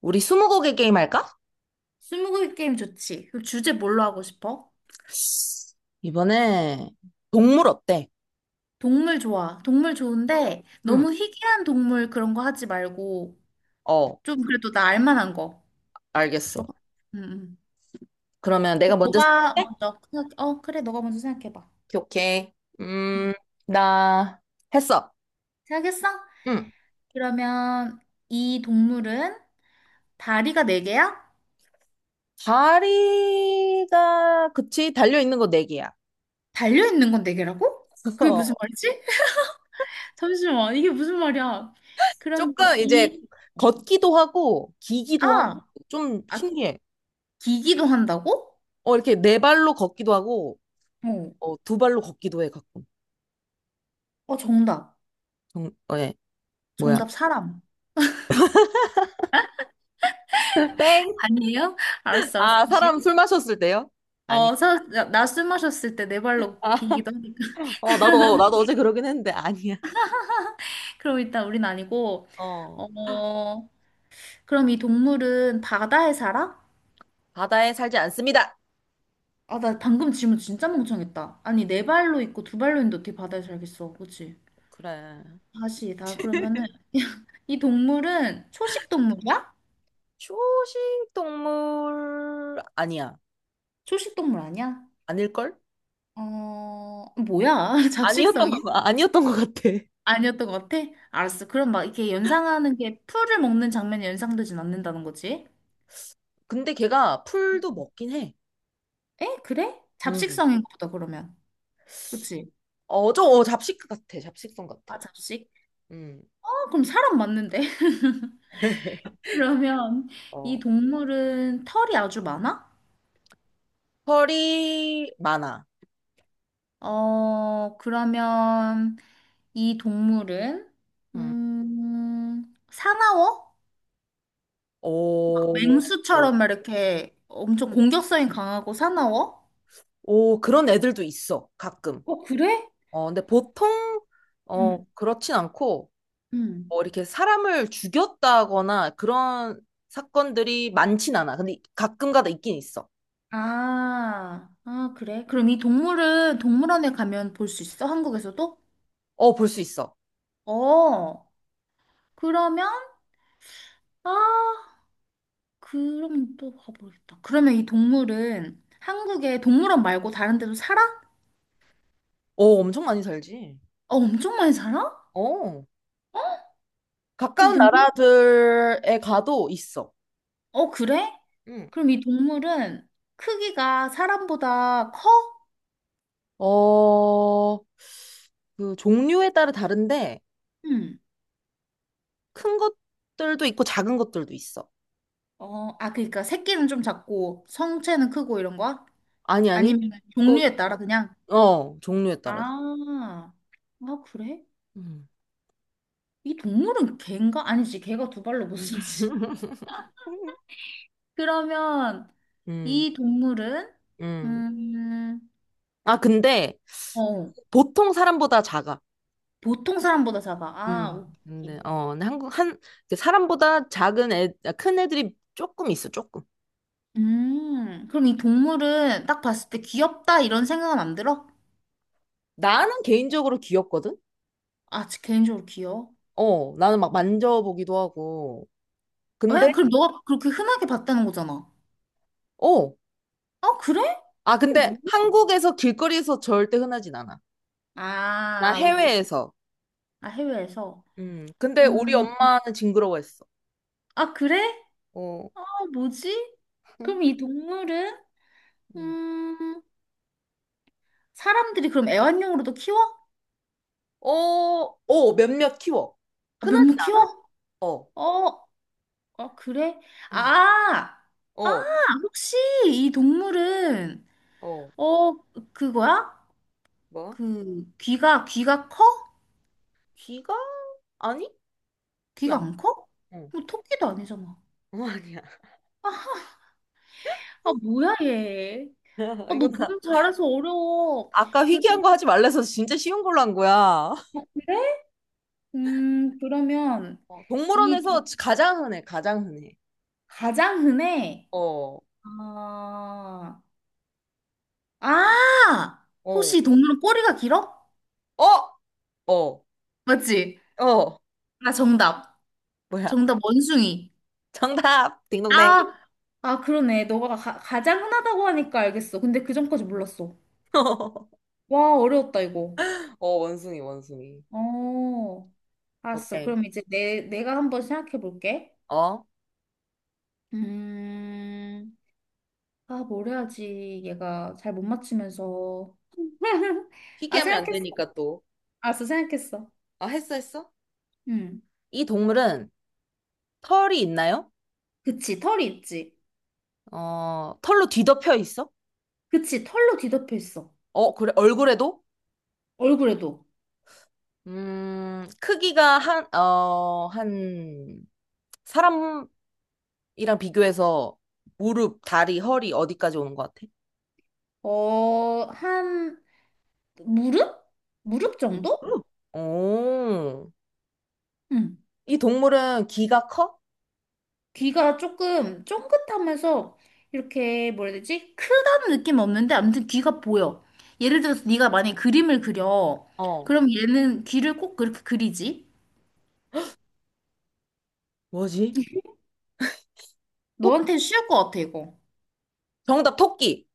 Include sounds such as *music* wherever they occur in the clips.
우리 스무고개 게임 할까? 스무고개 게임 좋지. 그럼 주제 뭘로 하고 싶어? 이번에 동물 어때? 동물 좋아. 동물 좋은데 응. 너무 희귀한 동물 그런 거 하지 말고 어, 좀 그래도 나 알만한 거. 좋아. 알겠어. 응, 응. 그러면 내가 그럼 먼저 너가 생각해? 먼저 생각, 그래. 너가 먼저 생각해봐. 오케이. 오케이. 응. 음, 나 했어. 생각했어? 응. 그러면 이 동물은 다리가 네 개야? 다리가 그치 달려 있는 거 네 개야. 달려 있는 건 네 개라고? *laughs* 그게 무슨 어, 말이지? *laughs* 잠시만. 이게 무슨 말이야? 그럼 조금 이, 이제 어, 걷기도 하고 기기도 하고 아, 좀 아, 신기해. 기기도 한다고? 이렇게 네 발로 걷기도 하고 어. 두 발로 걷기도 해 가끔. 어, 정답. 예. 뭐야? 정답 사람. 땡? 아니에요? 알았어, 알았어, 아, 다시. 사람 술 마셨을 때요? 아니. 어, 사, 나 숨 마셨을 때 네 발로 아, 기기도 하니까. 나도, 어제 그러긴 했는데, 아니야. *laughs* 그럼 일단 우린 아니고, 어, 어, 그럼 이 동물은 바다에 살아? 바다에 살지 않습니다. 아, 나 방금 질문 진짜 멍청했다. 아니, 네 발로 있고 두 발로 있는데 어떻게 바다에 살겠어? 그치? 그래. 다시, 나 그러면은, *laughs* 이 동물은 초식 동물이야? 초식 동물 아니야. 초식 동물 아니야? 아닐걸? 어, 뭐야? *laughs* 잡식성이야? 아니었던 것 같아. 아니었던 것 같아? 알았어. 그럼 막 이렇게 연상하는 게 풀을 먹는 장면이 연상되진 않는다는 거지? 근데 걔가 풀도 먹긴 해. 에? 그래? 음. 잡식성인가 보다, 그러면. 그치? 잡식 같아. 잡식성 같아. 아, 잡식? 음. 어, 그럼 사람 맞는데? *laughs* *laughs* 그러면 이 어. 동물은 털이 아주 많아? 털이 많아. 어, 그러면 이 동물은, 음. 사나워? 막 오, 맹수처럼 막 이렇게 엄청 공격성이 강하고 사나워? 오, 그런 애들도 있어. 가끔. 어, 그래? 근데 보통, 응. 그렇진 않고, 응. 뭐 이렇게 사람을 죽였다거나 그런 사건들이 많진 않아. 근데 가끔가다 있긴 있어. 아, 아, 그래? 그럼 이 동물은 동물원에 가면 볼 수 있어? 한국에서도? 어, 볼 수 있어. 어, 그러면, 아, 그럼 또 가보겠다. 그러면 이 동물은 한국에 동물원 말고 다른 데도 살아? 어, 엄청 많이 살지. 어, 엄청 많이 살아? 어, 이 가까운 동물, 나라들에 가도 있어. 어, 그래? 응. 그럼 이 동물은 크기가 사람보다 커? 어, 그 종류에 따라 다른데 응. 큰 것들도 있고 작은 것들도 있어. 어, 아, 그러니까 새끼는 좀 작고 성체는 크고 이런 거야? 아니, 아니. 아니면 또, 종류에 따라 그냥? 종류에 따라서. 아, 아, 그래? 음. 이 동물은 개인가? 아니지, 개가 두 발로 못 서지. *laughs* *laughs* 그러면 음, 이 동물은 음. 음, 아, 근데 어, 보통 사람보다 작아. 보통 사람보다 작아. 아, 근데, 오케이. 어, 근데 한국, 그 사람보다 큰 애들이 조금 있어, 조금. 그럼 이 동물은 딱 봤을 때 귀엽다 이런 생각은 안 들어? 나는 개인적으로 귀엽거든? 아, 저 개인적으로 귀여워. 나는 막 만져보기도 하고. 왜? 근데, 그럼 너가 그렇게 흔하게 봤다는 거잖아. 어, 아, 그래? 아, 이게 근데 뭐야? 한국에서 길거리에서 절대 흔하진 않아. 나 아, 오케이. 해외에서. 아, 해외에서. 근데 우리 음, 엄마는 징그러워했어. 아, 그래? 어, 아, 뭐지? 응? 그럼 이 동물은? 음. 음, 사람들이 그럼 애완용으로도 키워? 어, 어, 몇몇 키워. 아, 흔하진 몇몇 않아. 키워? 어, 어, 그래? 아, 아, 어, 혹시 이 동물은, 어, 어, 그거야? 뭐? 그, 귀가, 귀가 커? 귀가? 아니? 귀 귀가 안, 안 커? 어, 뭐, 토끼도 아니잖아. 어, 아니야. 아, 뭐야, 얘. *laughs* 아, 너 이건 너무 잘해서 어려워. 아까 그, 희귀한 거 하지 말래서 진짜 쉬운 걸로 한 거야. 그래? 그러면, 이 도- 동물원에서 가장 흔해, 가장 흔해. 가장 흔해, 어, 아, 아! 어, 혹시 이 동물은 꼬리가 길어? 어, 어, 맞지? 어, 아, 정답. 뭐야. 정답, 원숭이. 정답! 딩동댕. 아, 아, 그러네. 너가 가, 가장 흔하다고 하니까 알겠어. 근데 그 전까지 몰랐어. *laughs* 와, 어려웠다, 이거. 어, 원숭이, 원숭이. 어, 알았어. 오케이. 그럼 이제 내, 내가 한번 생각해 볼게. 어? 음, 아, 뭘 해야지. 얘가 잘 못 맞추면서. *laughs* 아, 희귀하면 안 생각했어. 되니까 또. 알았어, 생각했어. 아, 했어, 했어? 음, 이 동물은 털이 있나요? 그치. 털이 있지. 털로 뒤덮여 있어? 그치. 털로 뒤덮여 있어. 어, 그래, 얼굴에도? 얼굴에도. 크기가 한 사람 이랑 비교해서 무릎, 다리, 허리 어디까지 오는 것 같아? 어, 한, 무릎? 무릎 정도? 응. 오, 응. 이 동물은 귀가 커? 귀가 조금 쫑긋하면서 이렇게 뭐라 해야 되지? 크다는 느낌 은 없는데 아무튼 귀가 보여. 예를 들어서 네가 만약에 그림을 그려. 어, 그럼 얘는 귀를 꼭 그렇게 그리지? 뭐지? 토, 너한테는 쉬울 것 같아, 이거. 정답, 토끼.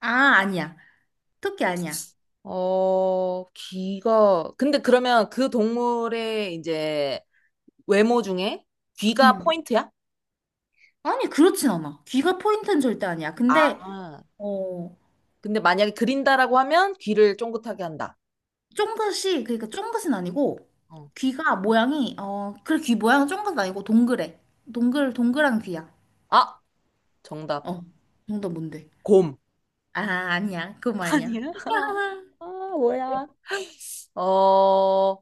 아, 아니야. 토끼 아니야. 근데 그러면 그 동물의 이제 외모 중에 귀가 음. 포인트야? 아니, 그렇진 않아. 귀가 포인트는 절대 아니야. 아, 근데 어, 근데 만약에 그린다라고 하면 귀를 쫑긋하게 한다. 쫑긋이 그러니까 쫑긋은 아니고 어. 귀가 모양이 어, 그래 귀 모양은 쫑긋 아니고 동그래. 동글 동글한 귀야. 아, 정답, 어. 정답 뭔데? 곰. 아, 아니야. 그건 *laughs* 아니야. 아니야? *laughs* 아, 뭐야? 어,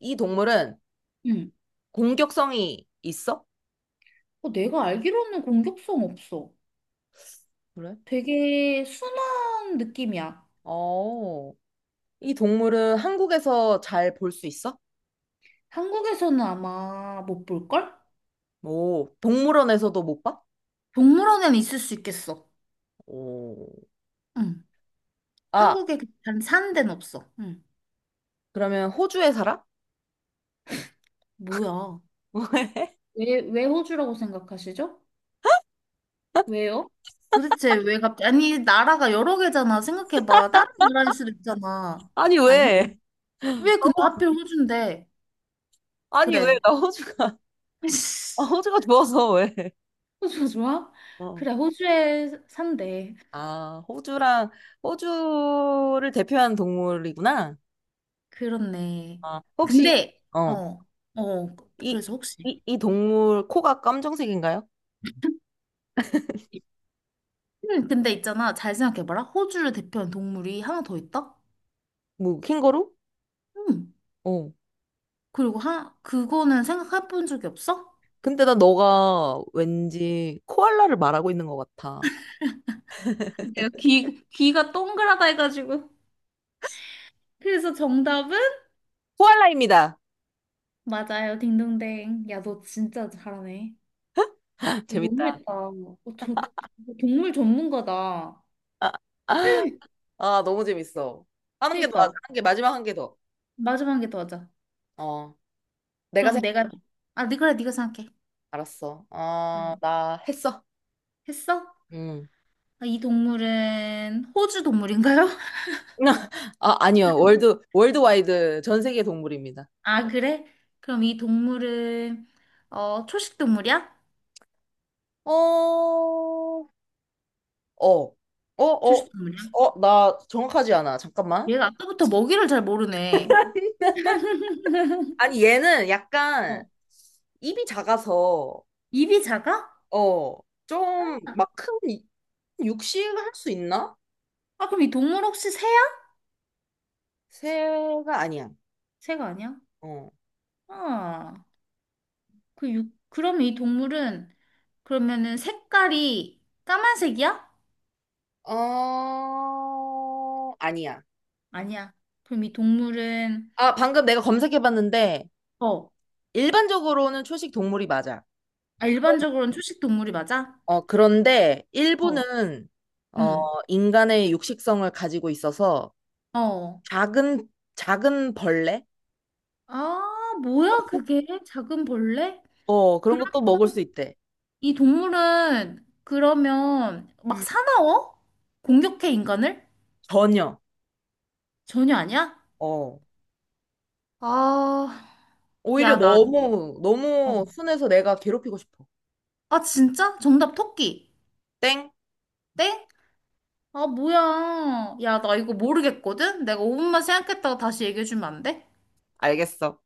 이 동물은 응. 공격성이 있어? 어, 내가 알기로는 공격성 없어. 그래? 되게 순한 느낌이야. 어, 이 동물은 한국에서 잘 볼 수 있어? 한국에서는 아마 못 볼걸? 오, 동물원에서도 못 봐? 동물원에는 있을 수 있겠어. 오. 응. 아, 한국에 그 단 사는 데는 없어. 응. 그러면 호주에 살아? 뭐야. *laughs* 왜? 왜, 왜 호주라고 생각하시죠? 왜요? 도대체 왜 갑자기, 아니, 나라가 여러 개잖아. 생각해봐. 다른 나라일 수도 있잖아. 아니, 아니? 왜? 어, 왜 근데 호- 하필 호주인데? 아니, 왜? 그래. 나 호주가, *laughs* 아, *laughs* 호주가 좋아서 왜? 호주 좋아? 어. 그래, 호주에 산대. 아, 호주를 대표하는 동물이구나. 그렇네. 아, 혹시, 근데, 어, 어, 어, 이, 그래서 혹시. 이 동물 코가 검정색인가요? 근데 있잖아, 잘 생각해봐라. 호주를 대표하는 동물이 하나 더 있다? 뭐, 캥거루? 응. 어. 그리고 하, 그거는 생각해본 적이 없어? 근데 나 너가 왠지 코알라를 말하고 있는 것 같아. 내가 귀, 귀가 동그랗다 해가지고. 그래서 정답은? 코알라입니다. 맞아요, 딩동댕. 야, 너 진짜 잘하네. *laughs* 이거 너무 재밌다. 했다. 어, 저- 동물 전문가다. 아, 너무 재밌어. 하는 게 더, 하자. 그니까, 하는 게 마지막 한 개 더. 마지막에 더 하자. 어, 내가 그럼 생각 내가 아, 네, 그래, 네가 생각해. 알았어. 응. 나 했어. 했어? 음. 아, 이 동물은 호주 동물인가요? *laughs* *laughs* 아, 아니요. 월드와이드 전 세계 동물입니다. 아, 그래? 그럼 이 동물은 초식 동물이야? 어, 어, 어, 어, 초식 동물이야? 나 정확하지 않아. 잠깐만. 얘가 아까부터 먹이를 잘 모르네. *laughs* 아니, 얘는 약간 어. 입이 작아서, 입이 작아? 어, 좀 막 큰 육식을 할 수 있나? 아, 그럼 이 동물 혹시 새야? 새가 아니야. 새가 아니야? 어. 아, 그 육, 그럼 이 동물은 그러면은 색깔이 까만색이야? 어, 아니야. 아니야. 그럼 이 동물은 아, 방금 내가 검색해봤는데, 어, 일반적으로는 초식 동물이 맞아. 아, 일반적으로는 초식 동물이 맞아? 그런데 어. 일부는, 어, 음. 인간의 육식성을 가지고 있어서, 어. 작은, 작은 벌레? 아, 뭐야, 그게? 작은 벌레? 그런 것도 먹을 그러면 수 있대. 이 동물은 그러면 막 음. 사나워? 공격해, 인간을? 전혀. 전혀 아니야? 어. 아, 오히려 야, 나, 너무, 어. 너무 순해서 내가 괴롭히고 싶어. 아, 진짜? 정답 토끼. 땡? 땡? 아, 뭐야. 야, 나 이거 모르겠거든? 내가 5분만 생각했다가 다시 얘기해주면 안 돼? 알겠어.